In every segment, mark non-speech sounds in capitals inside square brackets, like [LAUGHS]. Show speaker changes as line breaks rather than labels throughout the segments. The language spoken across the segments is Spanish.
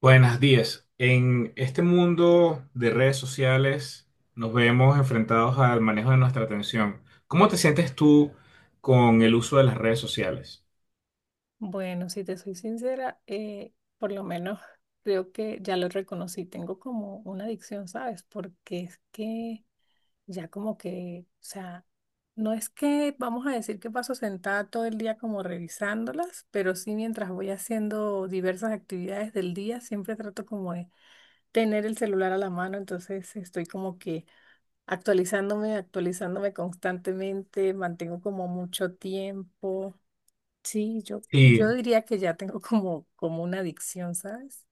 Buenas días. En este mundo de redes sociales nos vemos enfrentados al manejo de nuestra atención. ¿Cómo te sientes tú con el uso de las redes sociales?
Bueno, si te soy sincera, por lo menos [LAUGHS] creo que ya lo reconocí, tengo como una adicción, ¿sabes? Porque es que ya como que, o sea, no es que vamos a decir que paso sentada todo el día como revisándolas, pero sí mientras voy haciendo diversas actividades del día, siempre trato como de tener el celular a la mano, entonces estoy como que actualizándome, actualizándome constantemente, mantengo como mucho tiempo. Sí, yo
Y
diría que ya tengo [LAUGHS] como, como una adicción, ¿sabes?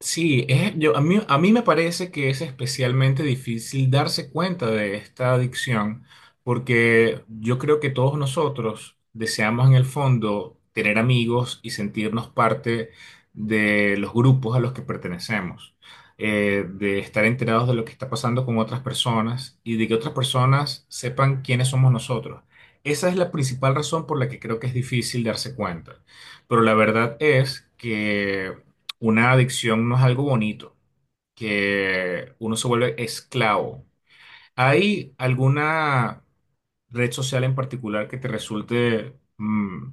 sí, yo, a mí me parece que es especialmente difícil darse cuenta de esta adicción, porque yo creo que todos nosotros deseamos en el fondo tener amigos y sentirnos parte de los grupos a los que pertenecemos, de estar enterados de lo que está pasando con otras personas y de que otras personas sepan quiénes somos nosotros. Esa es la principal razón por la que creo que es difícil darse cuenta. Pero la verdad es que una adicción no es algo bonito, que uno se vuelve esclavo. ¿Hay alguna red social en particular que te resulte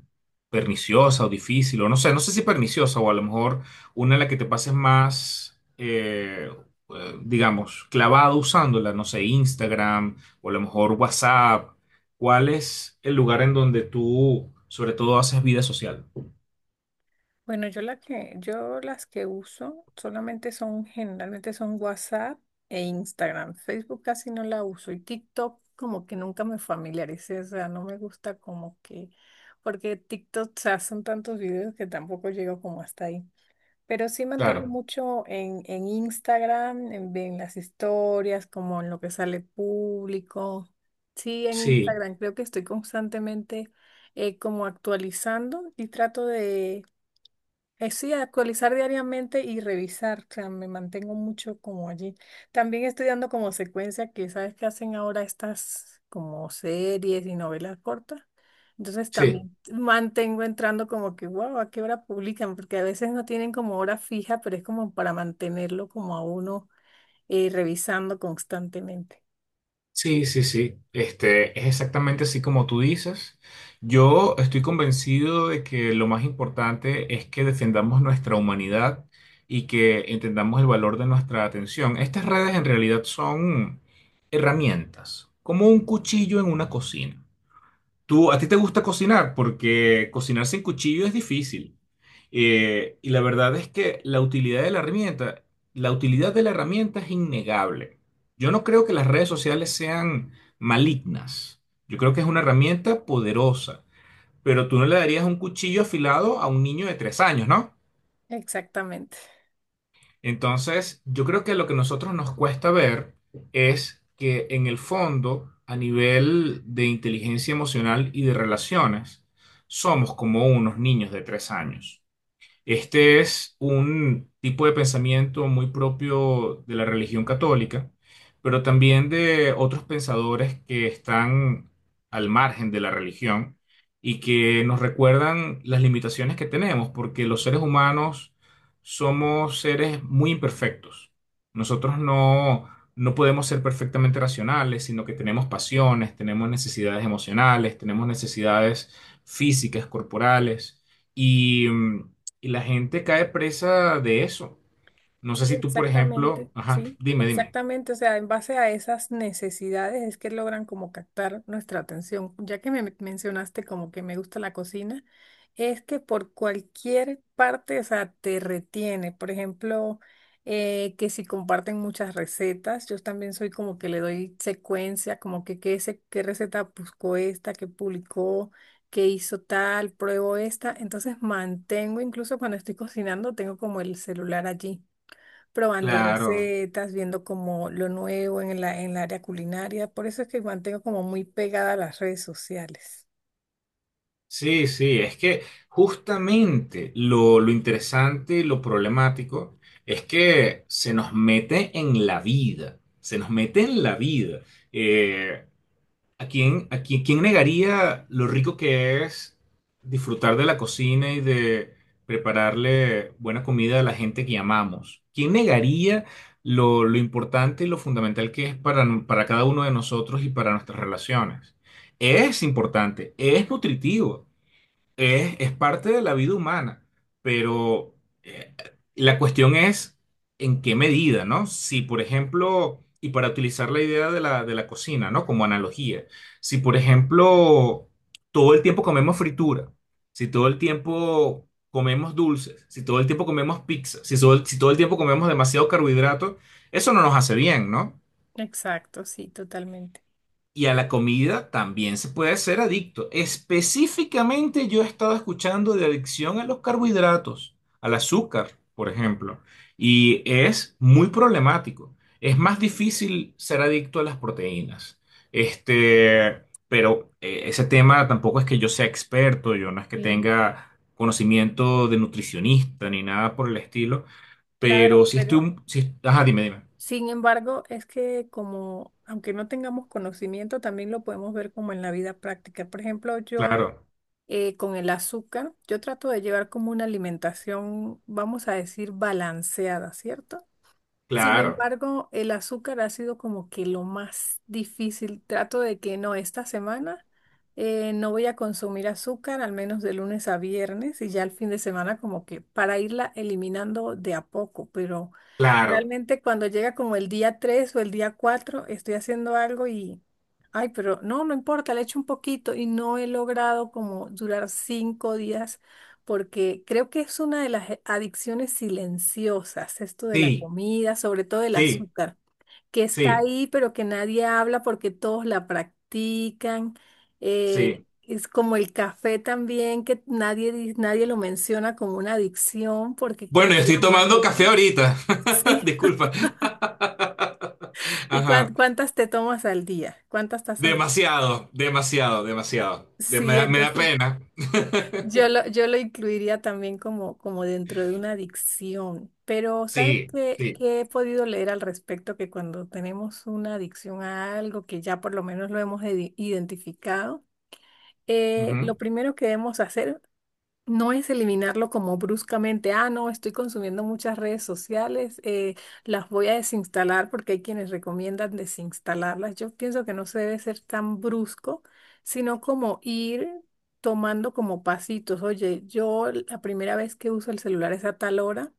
perniciosa o difícil? O no sé, no sé si perniciosa o a lo mejor una en la que te pases más, digamos, clavado usándola, no sé, Instagram o a lo mejor WhatsApp. ¿Cuál es el lugar en donde tú, sobre todo, haces vida social?
Bueno, yo la que, yo las que uso solamente son, generalmente son WhatsApp e Instagram. Facebook casi no la uso y TikTok como que nunca me familiaricé, o sea, no me gusta como que, porque TikTok, o sea, son tantos videos que tampoco llego como hasta ahí. Pero sí mantengo
Claro,
mucho en Instagram, en las historias, como en lo que sale público. Sí, en
sí,
Instagram creo que estoy constantemente como actualizando y trato sí, actualizar diariamente y revisar, o sea, me mantengo mucho como allí. También estudiando como secuencia, que sabes que hacen ahora estas como series y novelas cortas. Entonces
sí.
también mantengo entrando como que, wow, ¿a qué hora publican? Porque a veces no tienen como hora fija, pero es como para mantenerlo como a uno revisando constantemente.
Sí, sí, sí. Este, es exactamente así como tú dices. Yo estoy convencido de que lo más importante es que defendamos nuestra humanidad y que entendamos el valor de nuestra atención. Estas redes en realidad son herramientas, como un cuchillo en una cocina. Tú, a ti te gusta cocinar porque cocinar sin cuchillo es difícil. Y la verdad es que la utilidad de la herramienta es innegable. Yo no creo que las redes sociales sean malignas. Yo creo que es una herramienta poderosa. Pero tú no le darías un cuchillo afilado a un niño de tres años, ¿no?
Exactamente.
Entonces, yo creo que lo que a nosotros nos cuesta ver es que en el fondo, a nivel de inteligencia emocional y de relaciones, somos como unos niños de tres años. Este es un tipo de pensamiento muy propio de la religión católica, pero también de otros pensadores que están al margen de la religión y que nos recuerdan las limitaciones que tenemos, porque los seres humanos somos seres muy imperfectos. Nosotros no, no podemos ser perfectamente racionales, sino que tenemos pasiones, tenemos necesidades emocionales, tenemos necesidades físicas, corporales. Y y la gente cae presa de eso. No sé
Sí,
si tú, por
exactamente,
ejemplo, ajá,
sí,
dime, dime.
exactamente. O sea, en base a esas necesidades es que logran como captar nuestra atención. Ya que me mencionaste como que me gusta la cocina, es que por cualquier parte, o sea, te retiene. Por ejemplo, que si comparten muchas recetas, yo también soy como que le doy secuencia, como que qué, qué receta buscó esta, qué publicó, qué hizo tal, pruebo esta, entonces mantengo, incluso cuando estoy cocinando, tengo como el celular allí probando
Claro,
recetas, viendo como lo nuevo en la, en el área culinaria. Por eso es que mantengo como muy pegada a las redes sociales.
sí, sí, es que justamente lo interesante y lo problemático es que se nos mete en la vida. Eh, ¿A quién, quién negaría lo rico que es disfrutar de la cocina y de prepararle buena comida a la gente que amamos? ¿Quién negaría lo importante y lo fundamental que es para, para cada uno de nosotros y para nuestras relaciones? Es importante, es nutritivo. Es parte de la vida humana, pero eh, la cuestión es en qué medida, ¿no? Si, por ejemplo, y para utilizar la idea de de la cocina, ¿no? Como analogía, si, por ejemplo, todo el tiempo comemos fritura, si todo el tiempo comemos dulces, si todo el tiempo comemos pizza, si todo el tiempo comemos demasiado carbohidrato, eso no nos hace bien, ¿no?
Exacto, sí, totalmente.
Y a la comida también se puede ser adicto. Específicamente yo he estado escuchando de adicción a los carbohidratos, al azúcar, por ejemplo, y es muy problemático. Es más difícil ser adicto a las proteínas. Este, pero ese tema tampoco es que yo sea experto, yo no es que
Sí.
tenga conocimiento de nutricionista ni nada por el estilo, pero
Claro,
si
pero
ajá, dime, dime.
sin embargo, es que como, aunque no tengamos conocimiento, también lo podemos ver como en la vida práctica. Por ejemplo, yo
Claro,
con el azúcar, yo trato de llevar como una alimentación, vamos a decir, balanceada, ¿cierto? Sin
claro,
embargo, el azúcar ha sido como que lo más difícil. Trato de que no, esta semana no voy a consumir azúcar, al menos de lunes a viernes, y ya el fin de semana como que para irla eliminando de a poco, pero...
claro.
realmente cuando llega como el día 3 o el día 4 estoy haciendo algo y, ay, pero no, no importa, le echo un poquito y no he logrado como durar cinco días porque creo que es una de las adicciones silenciosas, esto de la
Sí,
comida, sobre todo el
sí.
azúcar, que está
Sí,
ahí pero que nadie habla porque todos la practican.
sí.
Es como el café también, que nadie, nadie lo menciona como una adicción porque como
Bueno, yo
la
estoy tomando
mayoría...
café
[LAUGHS]
ahorita. [LAUGHS]
Sí,
Disculpa. [LAUGHS]
¿y
Ajá.
cuántas te tomas al día? ¿Cuántas tazas?
Demasiado, demasiado, demasiado.
Sí,
Me da
entonces
pena.
yo
[LAUGHS]
lo, yo lo incluiría también como, como dentro de una adicción. Pero ¿sabes
Sí,
qué,
sí.
qué he podido leer al respecto? Que cuando tenemos una adicción a algo que ya por lo menos lo hemos identificado, lo
Ujú.
primero que debemos hacer no es eliminarlo como bruscamente, ah, no, estoy consumiendo muchas redes sociales, las voy a desinstalar porque hay quienes recomiendan desinstalarlas. Yo pienso que no se debe ser tan brusco, sino como ir tomando como pasitos. Oye, yo la primera vez que uso el celular es a tal hora,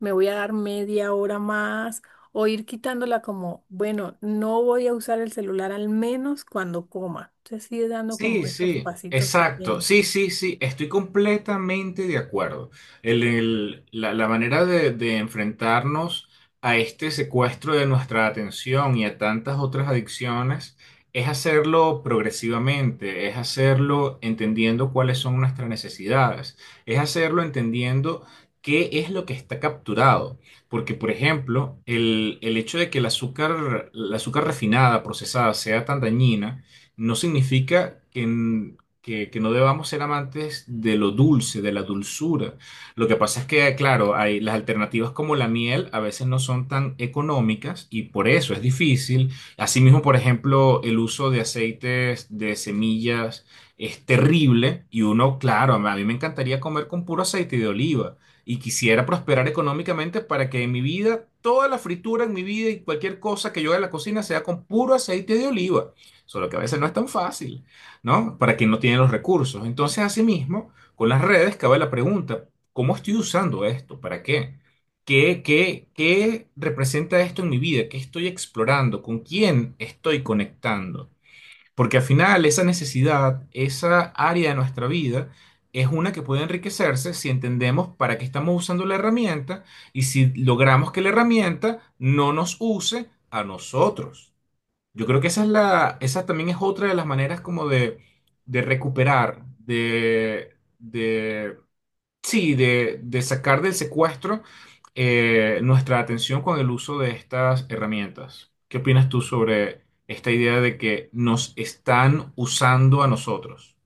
me voy a dar media hora más o ir quitándola como, bueno, no voy a usar el celular al menos cuando coma. Entonces, sí, ir dando como
Sí,
esos
sí,
pasitos
exacto.
pequeños.
Sí, sí, sí, estoy completamente de acuerdo. La manera de enfrentarnos a este secuestro de nuestra atención y a tantas otras adicciones es hacerlo progresivamente, es hacerlo entendiendo cuáles son nuestras necesidades, es hacerlo entendiendo qué es lo que está capturado. Porque, por ejemplo, el hecho de que el azúcar, la azúcar refinada, procesada, sea tan dañina, no significa que no debamos ser amantes de lo dulce, de la dulzura. Lo que pasa es que, claro, hay, las alternativas como la miel a veces no son tan económicas y por eso es difícil. Asimismo, por ejemplo, el uso de aceites de semillas es terrible y uno, claro, a mí me encantaría comer con puro aceite de oliva. Y quisiera prosperar económicamente para que en mi vida, toda la fritura en mi vida y cualquier cosa que yo haga en la cocina sea con puro aceite de oliva. Solo que a veces no es tan fácil, ¿no? Para quien no tiene los recursos. Entonces, asimismo, con las redes cabe la pregunta, ¿cómo estoy usando esto? ¿Para qué? Qué representa esto en mi vida? ¿Qué estoy explorando? ¿Con quién estoy conectando? Porque al final esa necesidad, esa área de nuestra vida, es una que puede enriquecerse si entendemos para qué estamos usando la herramienta y si logramos que la herramienta no nos use a nosotros. Yo creo que esa es esa también es otra de las maneras como de recuperar, sí, de sacar del secuestro nuestra atención con el uso de estas herramientas. ¿Qué opinas tú sobre esta idea de que nos están usando a nosotros?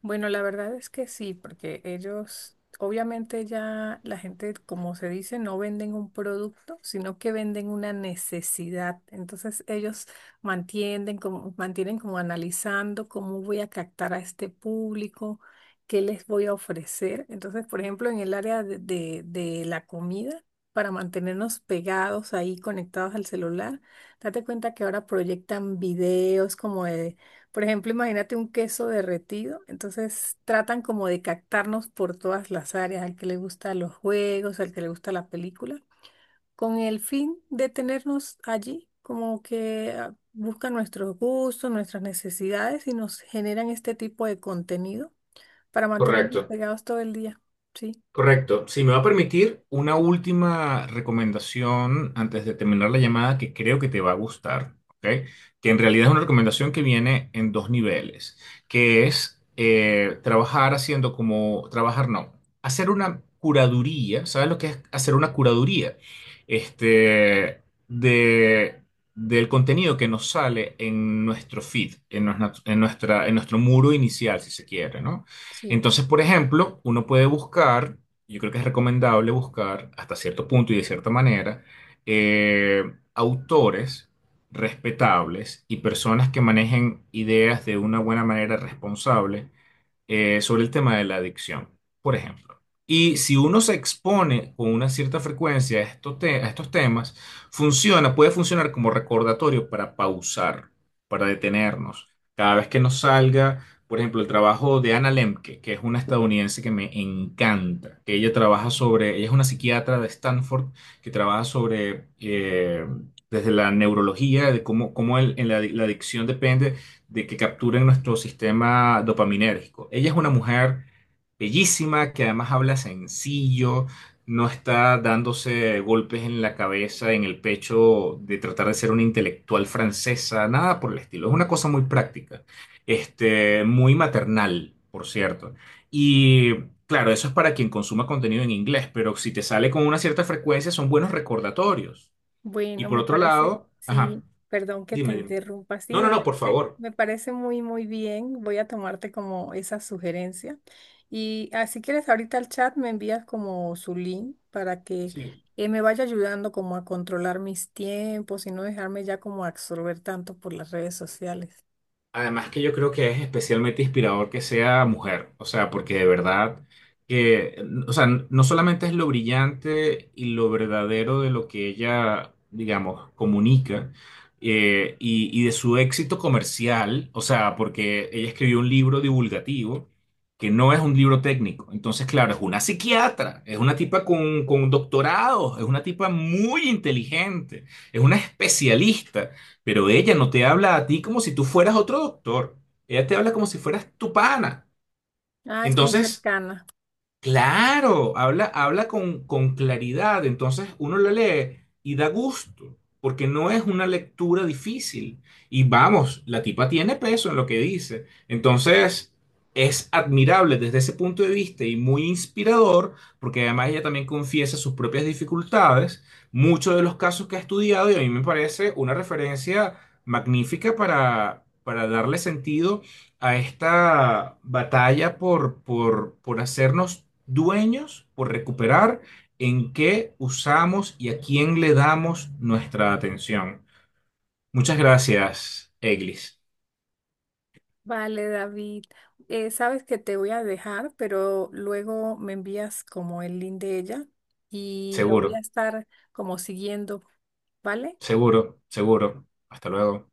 Bueno, la verdad es que sí, porque ellos, obviamente ya la gente, como se dice, no venden un producto, sino que venden una necesidad. Entonces ellos mantienen como analizando cómo voy a captar a este público, qué les voy a ofrecer. Entonces, por ejemplo, en el área de la comida, para mantenernos pegados ahí, conectados al celular, date cuenta que ahora proyectan videos como de, por ejemplo, imagínate un queso derretido. Entonces tratan como de captarnos por todas las áreas, al que le gustan los juegos, al que le gusta la película, con el fin de tenernos allí, como que ah, buscan nuestros gustos, nuestras necesidades y nos generan este tipo de contenido para mantenernos
Correcto.
pegados todo el día. Sí.
Correcto. Si me va a permitir una última recomendación antes de terminar la llamada que creo que te va a gustar, ¿ok? Que en realidad es una recomendación que viene en dos niveles, que es trabajar haciendo como, trabajar no, hacer una curaduría. ¿Sabes lo que es hacer una curaduría? Este, de, del contenido que nos sale en nuestro feed, en nuestro muro inicial, si se quiere, ¿no?
Sí.
Entonces, por ejemplo, uno puede buscar yo creo que es recomendable buscar hasta cierto punto y de cierta manera eh, autores respetables y personas que manejen ideas de una buena manera responsable sobre el tema de la adicción, por ejemplo. Y si uno se expone con una cierta frecuencia a a estos temas, puede funcionar como recordatorio para pausar, para detenernos. Cada vez que nos salga, por ejemplo, el trabajo de Anna Lemke, que es una estadounidense que me encanta, que ella trabaja sobre, ella es una psiquiatra de Stanford que trabaja sobre, desde la neurología, de en la adicción depende de que capturen nuestro sistema dopaminérgico. Ella es una mujer bellísima que además habla sencillo, no está dándose golpes en la cabeza, en el pecho de tratar de ser una intelectual francesa, nada por el estilo. Es una cosa muy práctica, este, muy maternal, por cierto. Y claro, eso es para quien consuma contenido en inglés, pero si te sale con una cierta frecuencia son buenos recordatorios. Y
Bueno,
por
me
otro
parece,
lado, ajá,
sí, perdón que te
dime, dime.
interrumpa, sí,
No, no, no, por favor.
me parece muy, muy bien. Voy a tomarte como esa sugerencia. Y así si quieres, ahorita al chat me envías como su link para que
Sí.
me vaya ayudando como a controlar mis tiempos y no dejarme ya como absorber tanto por las redes sociales.
Además que yo creo que es especialmente inspirador que sea mujer, o sea, porque de verdad que, o sea, no solamente es lo brillante y lo verdadero de lo que ella, digamos, comunica y de su éxito comercial, o sea, porque ella escribió un libro divulgativo que no es un libro técnico, entonces, claro, es una psiquiatra, es una tipa con doctorados, es una tipa muy inteligente, es una especialista. Pero ella no te habla a ti como si tú fueras otro doctor. Ella te habla como si fueras tu pana.
Ah, es muy
Entonces,
cercana.
claro, habla, habla con claridad, entonces uno lo lee y da gusto, porque no es una lectura difícil. Y vamos, la tipa tiene peso en lo que dice. Entonces, es admirable desde ese punto de vista y muy inspirador, porque además ella también confiesa sus propias dificultades, muchos de los casos que ha estudiado, y a mí me parece una referencia magnífica para darle sentido a esta batalla por hacernos dueños, por recuperar en qué usamos y a quién le damos nuestra atención. Muchas gracias, Eglis.
Vale, David. Sabes que te voy a dejar, pero luego me envías como el link de ella y lo
Seguro,
voy a estar como siguiendo, ¿vale?
seguro, seguro. Hasta luego.